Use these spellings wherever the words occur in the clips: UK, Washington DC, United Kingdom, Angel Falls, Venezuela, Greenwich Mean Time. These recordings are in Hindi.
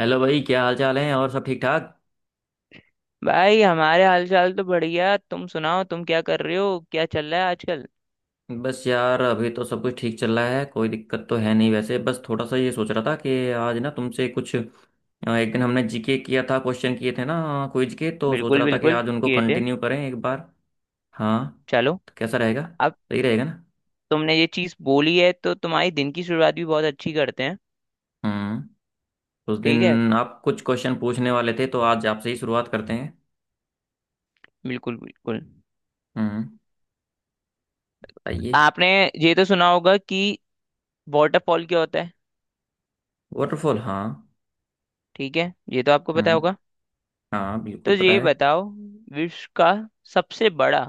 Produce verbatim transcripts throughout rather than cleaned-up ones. हेलो भाई। क्या हाल चाल है? और सब ठीक ठाक? भाई हमारे हालचाल तो बढ़िया। तुम सुनाओ, तुम क्या कर रहे हो, क्या चल रहा है आजकल। बस यार, अभी तो सब कुछ ठीक चल रहा है। कोई दिक्कत तो है नहीं वैसे। बस थोड़ा सा ये सोच रहा था कि आज ना तुमसे कुछ अ, एक दिन हमने जीके किया था, क्वेश्चन किए थे ना क्विज के। तो सोच बिल्कुल रहा था कि बिल्कुल आज उनको किए थे। कंटिन्यू करें एक बार। हाँ। चलो। तो कैसा रहेगा? अब सही रहेगा ना? तुमने ये चीज बोली है तो तुम्हारी दिन की शुरुआत भी बहुत अच्छी करते हैं। हम्म। उस ठीक है, दिन आप कुछ क्वेश्चन पूछने वाले थे, तो आज आपसे ही शुरुआत करते हैं। बिल्कुल बिल्कुल। हम्म। बताइए। आपने ये तो सुना होगा कि वाटरफॉल क्या होता है। वाटरफॉल, हाँ। ठीक है, ये तो आपको पता होगा। हम्म। हाँ, तो बिल्कुल पता ये है। बताओ, विश्व का सबसे बड़ा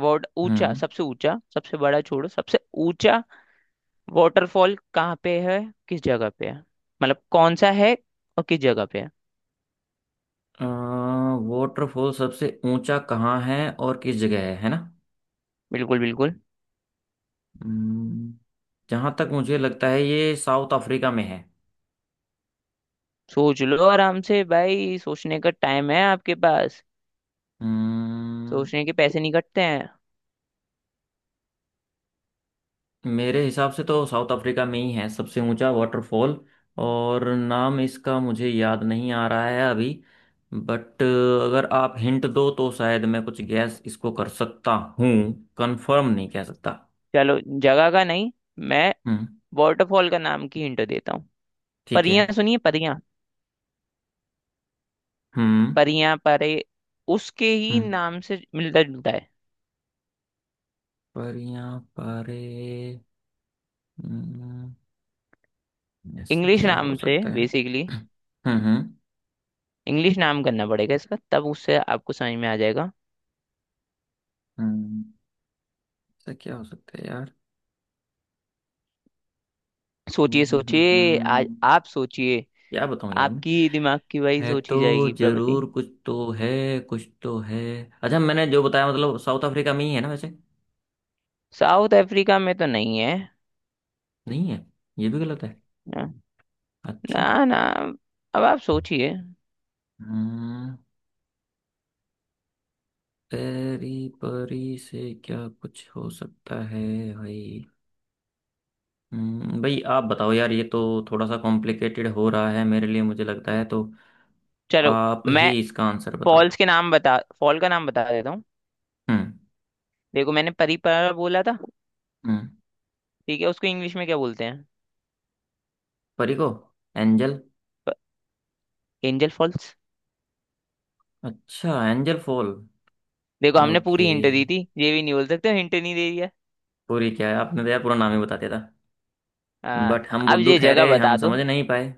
वाट ऊंचा, हम्म। सबसे ऊंचा, सबसे बड़ा छोड़ो, सबसे ऊंचा वाटरफॉल कहाँ पे है, किस जगह पे है, मतलब कौन सा है और किस जगह पे है? वाटरफॉल सबसे ऊंचा कहाँ है और किस जगह है है ना? बिल्कुल बिल्कुल। जहां तक मुझे लगता है ये साउथ अफ्रीका में है। सोच लो आराम से भाई, सोचने का टाइम है आपके पास। हम्म, सोचने के पैसे नहीं कटते हैं। मेरे हिसाब से तो साउथ अफ्रीका में ही है सबसे ऊंचा वाटरफॉल। और नाम इसका मुझे याद नहीं आ रहा है अभी। बट अगर आप हिंट दो तो शायद मैं कुछ गैस इसको कर सकता हूँ। कंफर्म नहीं कह सकता। चलो जगह का नहीं, मैं हम्म। वाटरफॉल का नाम की हिंट देता हूँ। ठीक है। परियां, सुनिए परियां। हम्म। परियां परे। उसके ही हम्म। नाम से मिलता जुलता है। पर यहाँ पर हम्म, ऐसा इंग्लिश क्या हो नाम से सकता है? बेसिकली। हम्म। हम्म। इंग्लिश नाम करना पड़ेगा इसका, तब उससे आपको समझ में आ जाएगा। हम्म, ऐसा क्या हो सकता है यार? हम्म। सोचिए हम्म। हम्म। सोचिए आज। हम्म, आप सोचिए। क्या बताऊं यार मैं? आपकी दिमाग की वही है सोची तो, जाएगी प्रवृत्ति। जरूर कुछ तो है। कुछ तो है। अच्छा, मैंने जो बताया मतलब साउथ अफ्रीका में ही है ना वैसे? साउथ अफ्रीका में तो नहीं है। नहीं है? ये भी गलत है? ना, अच्छा। ना, ना। अब आप सोचिए। हम्म। परी परी से क्या कुछ हो सकता है भाई? हम्म, भाई आप बताओ यार। ये तो थोड़ा सा कॉम्प्लिकेटेड हो रहा है मेरे लिए, मुझे लगता है। तो चलो, आप मैं ही इसका आंसर बताओ। फॉल्स के नाम बता फॉल का नाम बता देता हूँ। हम्म। देखो, मैंने परीपरा बोला था। हम्म। ठीक है, उसको इंग्लिश में क्या बोलते हैं? परी को? एंजल। Angel falls. अच्छा, एंजल फॉल। देखो हमने पूरी ओके। हिंट दी थी, ये भी नहीं बोल सकते, हिंट नहीं दे दिया। पूरी क्या है, आपने तो यार पूरा नाम ही बता दिया था। हाँ। बट हम अब बुद्धू ये जगह ठहरे, हम बता दो। समझ नहीं पाए।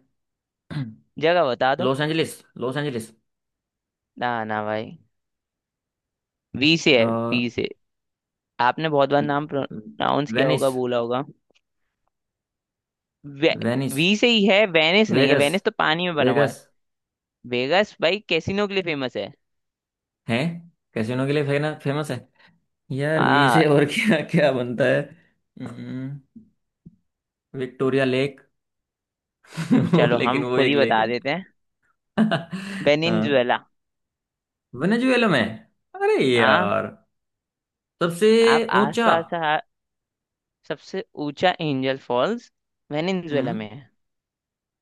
जगह बता दो। Los Angeles. Los Angeles. ना ना भाई। वी से है, वी से। आपने बहुत बार नाम प्रोनाउंस किया वेनिस। होगा, बोला होगा। वे, वेनिस। वी से ही है। वेनिस नहीं है, वेगस। वेनिस तो पानी में बना हुआ है। वेगस वेगास भाई कैसीनो के लिए फेमस है। है? कैसीनो के लिए फेना फेमस है? यार वी हाँ। से और क्या क्या बनता है? हम्म, विक्टोरिया लेक। वो, चलो लेकिन हम वो खुद एक ही लेक बता है। देते हैं। हाँ। वेनिनजुएला। वेनेजुएला में? अरे हाँ। यार! सबसे आप ऊंचा। आसपास का सबसे ऊंचा एंजल फॉल्स वेनिनजुएला हम्म। में है।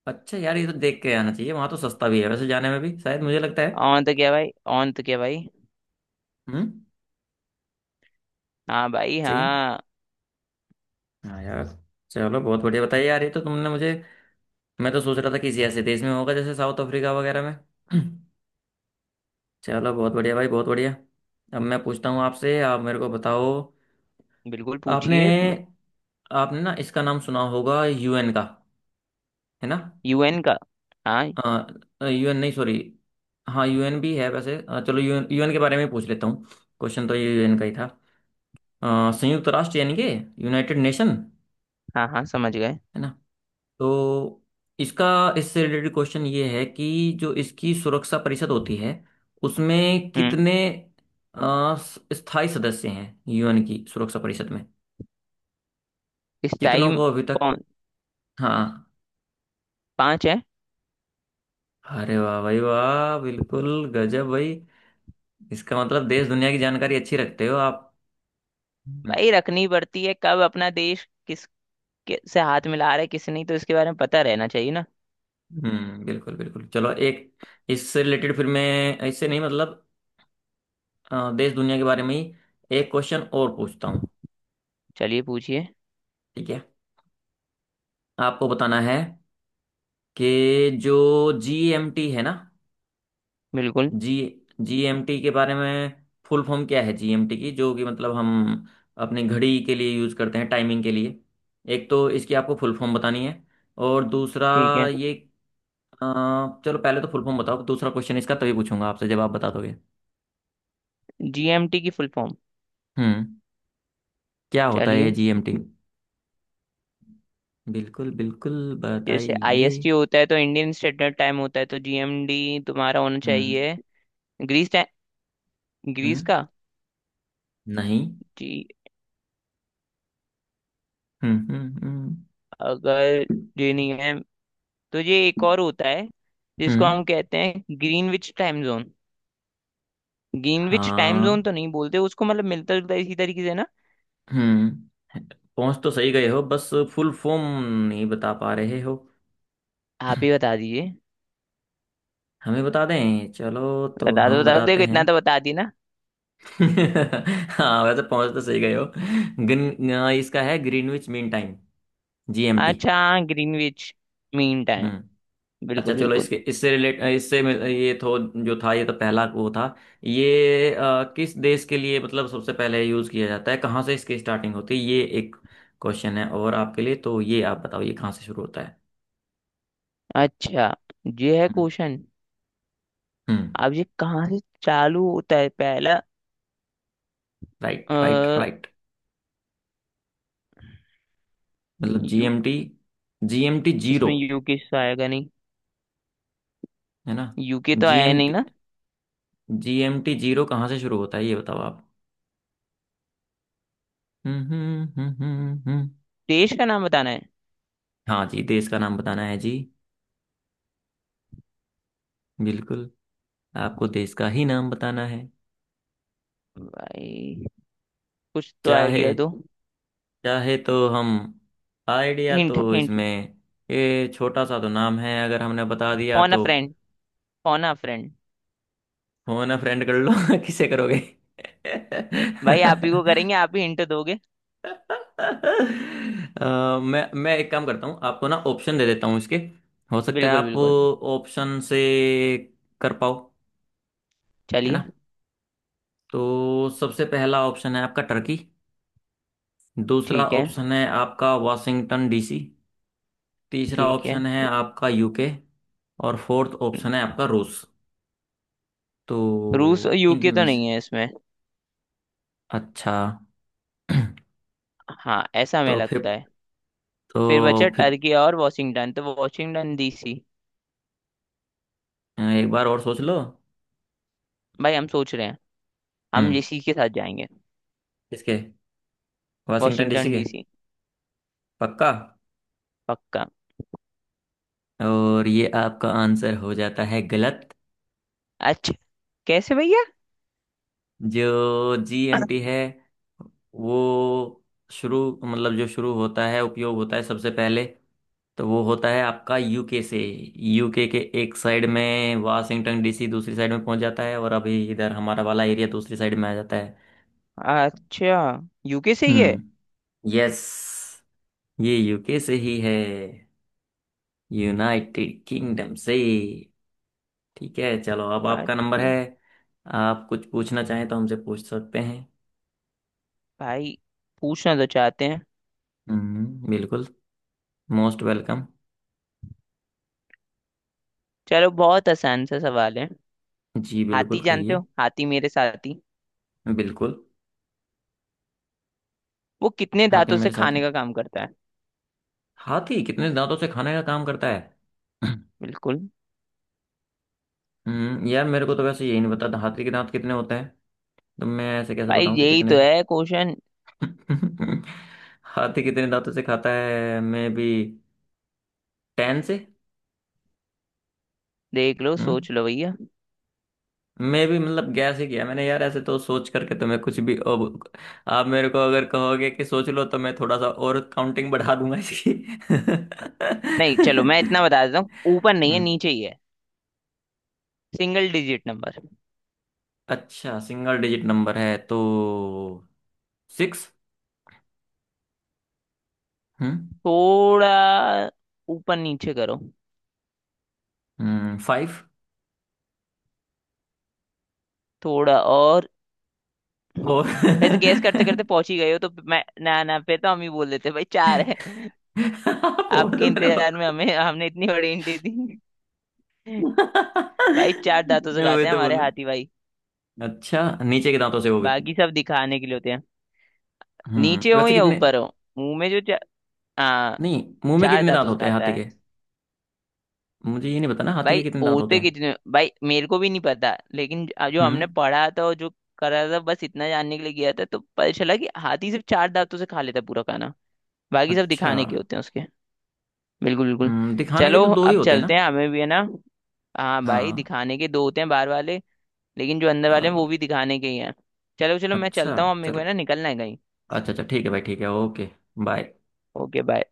अच्छा यार, ये तो देख के आना चाहिए। वहां तो सस्ता भी है वैसे जाने में भी शायद, मुझे लगता है। ऑन तो क्या भाई, ऑन तो क्या भाई। हम्म। हाँ भाई सही है ना? हाँ। हाँ यार। चलो बहुत बढ़िया। बताइए यार, ये तो तुमने मुझे। मैं तो सोच रहा था किसी ऐसे देश में होगा जैसे साउथ अफ्रीका वगैरह में। चलो बहुत बढ़िया भाई, बहुत बढ़िया। अब मैं पूछता हूँ आपसे, आप मेरे को बताओ। बिल्कुल आपने पूछिए। आपने ना इसका नाम सुना होगा यूएन का, है ना? यूएन का? हाँ यूएन नहीं, सॉरी। हाँ यूएन भी है वैसे। अ, चलो यूएन यूएन के बारे में पूछ लेता हूँ। क्वेश्चन तो ये यूएन का ही था। अ, संयुक्त राष्ट्र यानी कि यूनाइटेड नेशन, हाँ हाँ, समझ गए। है ना? तो इसका, इससे रिलेटेड क्वेश्चन ये है कि जो इसकी सुरक्षा परिषद होती है उसमें हम्म कितने अ, स- स्थायी सदस्य हैं यूएन की सुरक्षा परिषद में? इस कितनों टाइम। को अभी तक? कौन? हाँ। पांच है। अरे वाह भाई वाह, बिल्कुल। गजब भाई। इसका मतलब देश दुनिया की जानकारी अच्छी रखते हो आप। हम्म। भाई रखनी पड़ती है, कब अपना देश किस के से हाथ मिला रहा है किसी, नहीं तो इसके बारे में पता रहना चाहिए ना। हम्म, बिल्कुल बिल्कुल। चलो एक इससे रिलेटेड, फिर मैं इससे नहीं मतलब अ, देश दुनिया के बारे में ही एक क्वेश्चन और पूछता हूँ। चलिए पूछिए। ठीक है। आपको बताना है कि जो जीएमटी है ना? बिल्कुल। जी जीएमटी के बारे में फुल फॉर्म क्या है जीएमटी की, जो कि मतलब हम अपनी घड़ी के लिए यूज करते हैं, टाइमिंग के लिए। एक तो इसकी आपको फुल फॉर्म बतानी है। और दूसरा ठीक है। ये अ, चलो पहले तो फुल फॉर्म बताओ, दूसरा क्वेश्चन इसका तभी पूछूंगा आपसे जब आप बता दोगे। जीएमटी की फुल फॉर्म। हम्म। क्या होता है ये चलिए। जीएमटी? बिल्कुल बिल्कुल। जैसे बताइए। आईएसटी होता है तो इंडियन स्टैंडर्ड टाइम होता है, तो जीएमडी तुम्हारा होना हम्म। चाहिए ग्रीस टाइम, ग्रीस हम्म। का। नहीं। जी। हम्म। हम्म। हम्म। अगर ये नहीं है तो ये एक और होता है जिसको हम्म, हम कहते हैं Greenwich time zone. Greenwich time हाँ। जोन तो नहीं बोलते उसको, मतलब मिलता जुलता इसी तरीके से ना। हम्म। पहुंच तो सही गए हो, बस फुल फॉर्म नहीं बता पा रहे हो। आप ही बता दीजिए। हमें बता दें? चलो तो बता दो हम बता दो, बताते देखो हैं। इतना तो बता दिए ना। हाँ, वैसे पहुंच तो सही गए हो। गिन, इसका है ग्रीनविच मीन टाइम, जीएमटी। अच्छा, ग्रीनविच मीन टाइम, हम्म। अच्छा बिल्कुल चलो बिल्कुल। इसके, इससे रिलेट, इससे मैं- ये तो जो था ये तो पहला वो था। ये अ, किस देश के लिए मतलब सबसे पहले यूज किया जाता है, कहाँ से इसकी स्टार्टिंग होती है, ये एक क्वेश्चन है। और आपके लिए तो ये आप बताओ, ये कहाँ से शुरू होता है? अच्छा। ये है हम्म। क्वेश्चन। हम्म। अब ये कहाँ से चालू होता है पहला? राइट राइट अ, राइट। मतलब यू जीएमटी, जीएमटी जीरो, इसमें यूके से आएगा नहीं? है ना? यूके तो आया नहीं जीएमटी ना। जीएमटी जीरो कहाँ से शुरू होता है, ये बताओ आप। हम्म। हम्म। हम्म। हम्म। हम्म। देश का नाम बताना है। हाँ जी, देश का नाम बताना है जी। बिल्कुल। आपको देश का ही नाम बताना है। भाई कुछ तो चाहे आइडिया दो, चाहे तो हम। आइडिया तो हिंट हिंट। इसमें। ये छोटा सा तो नाम है, अगर हमने बता दिया फोन अ तो। फ्रेंड, फोन अ फ्रेंड। हो ना, फ्रेंड कर लो। किसे करोगे? भाई आप ही को अ, करेंगे, आप ही हिंट दोगे। मैं मैं एक काम करता हूँ, आपको ना ऑप्शन दे देता हूँ इसके। हो सकता है बिल्कुल आप बिल्कुल, ऑप्शन से कर पाओ। है चलिए। ना? तो सबसे पहला ऑप्शन है आपका टर्की। दूसरा ठीक है, ऑप्शन है आपका वाशिंगटन डीसी। तीसरा ठीक है। ऑप्शन है आपका यूके। और फोर्थ ऑप्शन है आपका रूस। रूस तो और इनमें यूके तो से? नहीं है इसमें, अच्छा। हाँ ऐसा हमें तो लगता फिफ्थ है। फिर बचा तो फिफ्थ, टर्की और वॉशिंगटन, तो वॉशिंगटन डीसी। एक बार और सोच लो। भाई हम सोच रहे हैं, हम हम्म। इसी के साथ जाएंगे। इसके, वाशिंगटन डीसी वॉशिंगटन के? डीसी। पक्का? पक्का। और ये आपका आंसर हो जाता है गलत। अच्छा, कैसे भैया? जो जीएमटी है वो शुरू मतलब जो शुरू होता है, उपयोग होता है सबसे पहले, तो वो होता है आपका यूके से। यूके के एक साइड में वाशिंगटन डीसी, दूसरी साइड में पहुंच जाता है, और अभी इधर हमारा वाला एरिया दूसरी साइड में आ जाता है। अच्छा, यूके से ही है? हम्म। यस। ये यूके से ही है, यूनाइटेड किंगडम से। ठीक है, चलो अब आपका नंबर अच्छा, है। आप कुछ पूछना चाहें तो हमसे पूछ सकते हैं। भाई पूछना तो चाहते हैं। हम्म, बिल्कुल। Most welcome. चलो बहुत आसान सा सवाल है। जी बिल्कुल, हाथी जानते कहिए। हो, हाथी मेरे साथी। बिल्कुल। वो कितने हाथी दांतों से मेरे साथ है? खाने का काम करता है? हाथी कितने दांतों से खाने का काम करता है? बिल्कुल। हम्म यार, मेरे को तो वैसे यही नहीं पता था, हाथी के दांत कितने होते हैं। तो मैं ऐसे कैसे भाई बताऊं कि यही कितने? तो है क्वेश्चन। हाथी कितने दांतों से खाता है, मे बी टेन से? देख लो, हम्म। सोच लो भैया। मे बी मतलब गैस ही किया मैंने यार। ऐसे तो सोच करके तो मैं कुछ भी अब। आप मेरे को अगर कहोगे कि सोच लो, तो मैं थोड़ा सा और काउंटिंग बढ़ा दूंगा इसकी। नहीं, चलो मैं इतना बता देता हूँ। ऊपर नहीं है, हम्म। नीचे ही है। Single digit number. अच्छा, सिंगल डिजिट नंबर है तो सिक्स। हम्म। थोड़ा ऊपर नीचे करो। हम्म। फाइव। थोड़ा और। फोर। वैसे गैस करते करते पहुंच ही गए हो, तो मैं ना ना पे तो हम ही बोल देते, भाई चार है। फोर। तो आपके मैंने इंतजार में बोला। हमें हमने इतनी बड़ी हिंट दी। भाई चार दांतों से वे खाते हैं तो हमारे बोलो। हाथी भाई। अच्छा, नीचे के दांतों से? वो भी? बाकी सब दिखाने के लिए होते हैं। हम्म नीचे हो वैसे या कितने? ऊपर हो, मुंह में जो चा, हाँ, नहीं, मुंह में चार कितने दांत दांतों से होते हैं खाता हाथी है। के? मुझे ये नहीं पता ना हाथी भाई के कितने दांत होते होते हैं। कितने, भाई मेरे को भी नहीं पता, लेकिन ज- जो हमने हम्म। पढ़ा था और जो करा था, बस इतना जानने के लिए गया था तो पता चला कि हाथी सिर्फ चार दांतों से खा लेता है पूरा खाना। बाकी सब अच्छा। दिखाने के होते हैं उसके। बिल्कुल बिल्कुल। हम्म, दिखाने के चलो तो दो ही अब होते हैं ना? चलते हैं, हमें भी है ना। हाँ भाई, हाँ। दिखाने के दो होते हैं बाहर वाले, लेकिन जो अंदर वाले हैं चलो। वो भी दिखाने के ही हैं। चलो चलो, मैं अच्छा चलता हूँ अब, मेरे को है चलो। ना, निकलना है कहीं। अच्छा अच्छा, ठीक है भाई, ठीक है। ओके। बाय। Okay bye.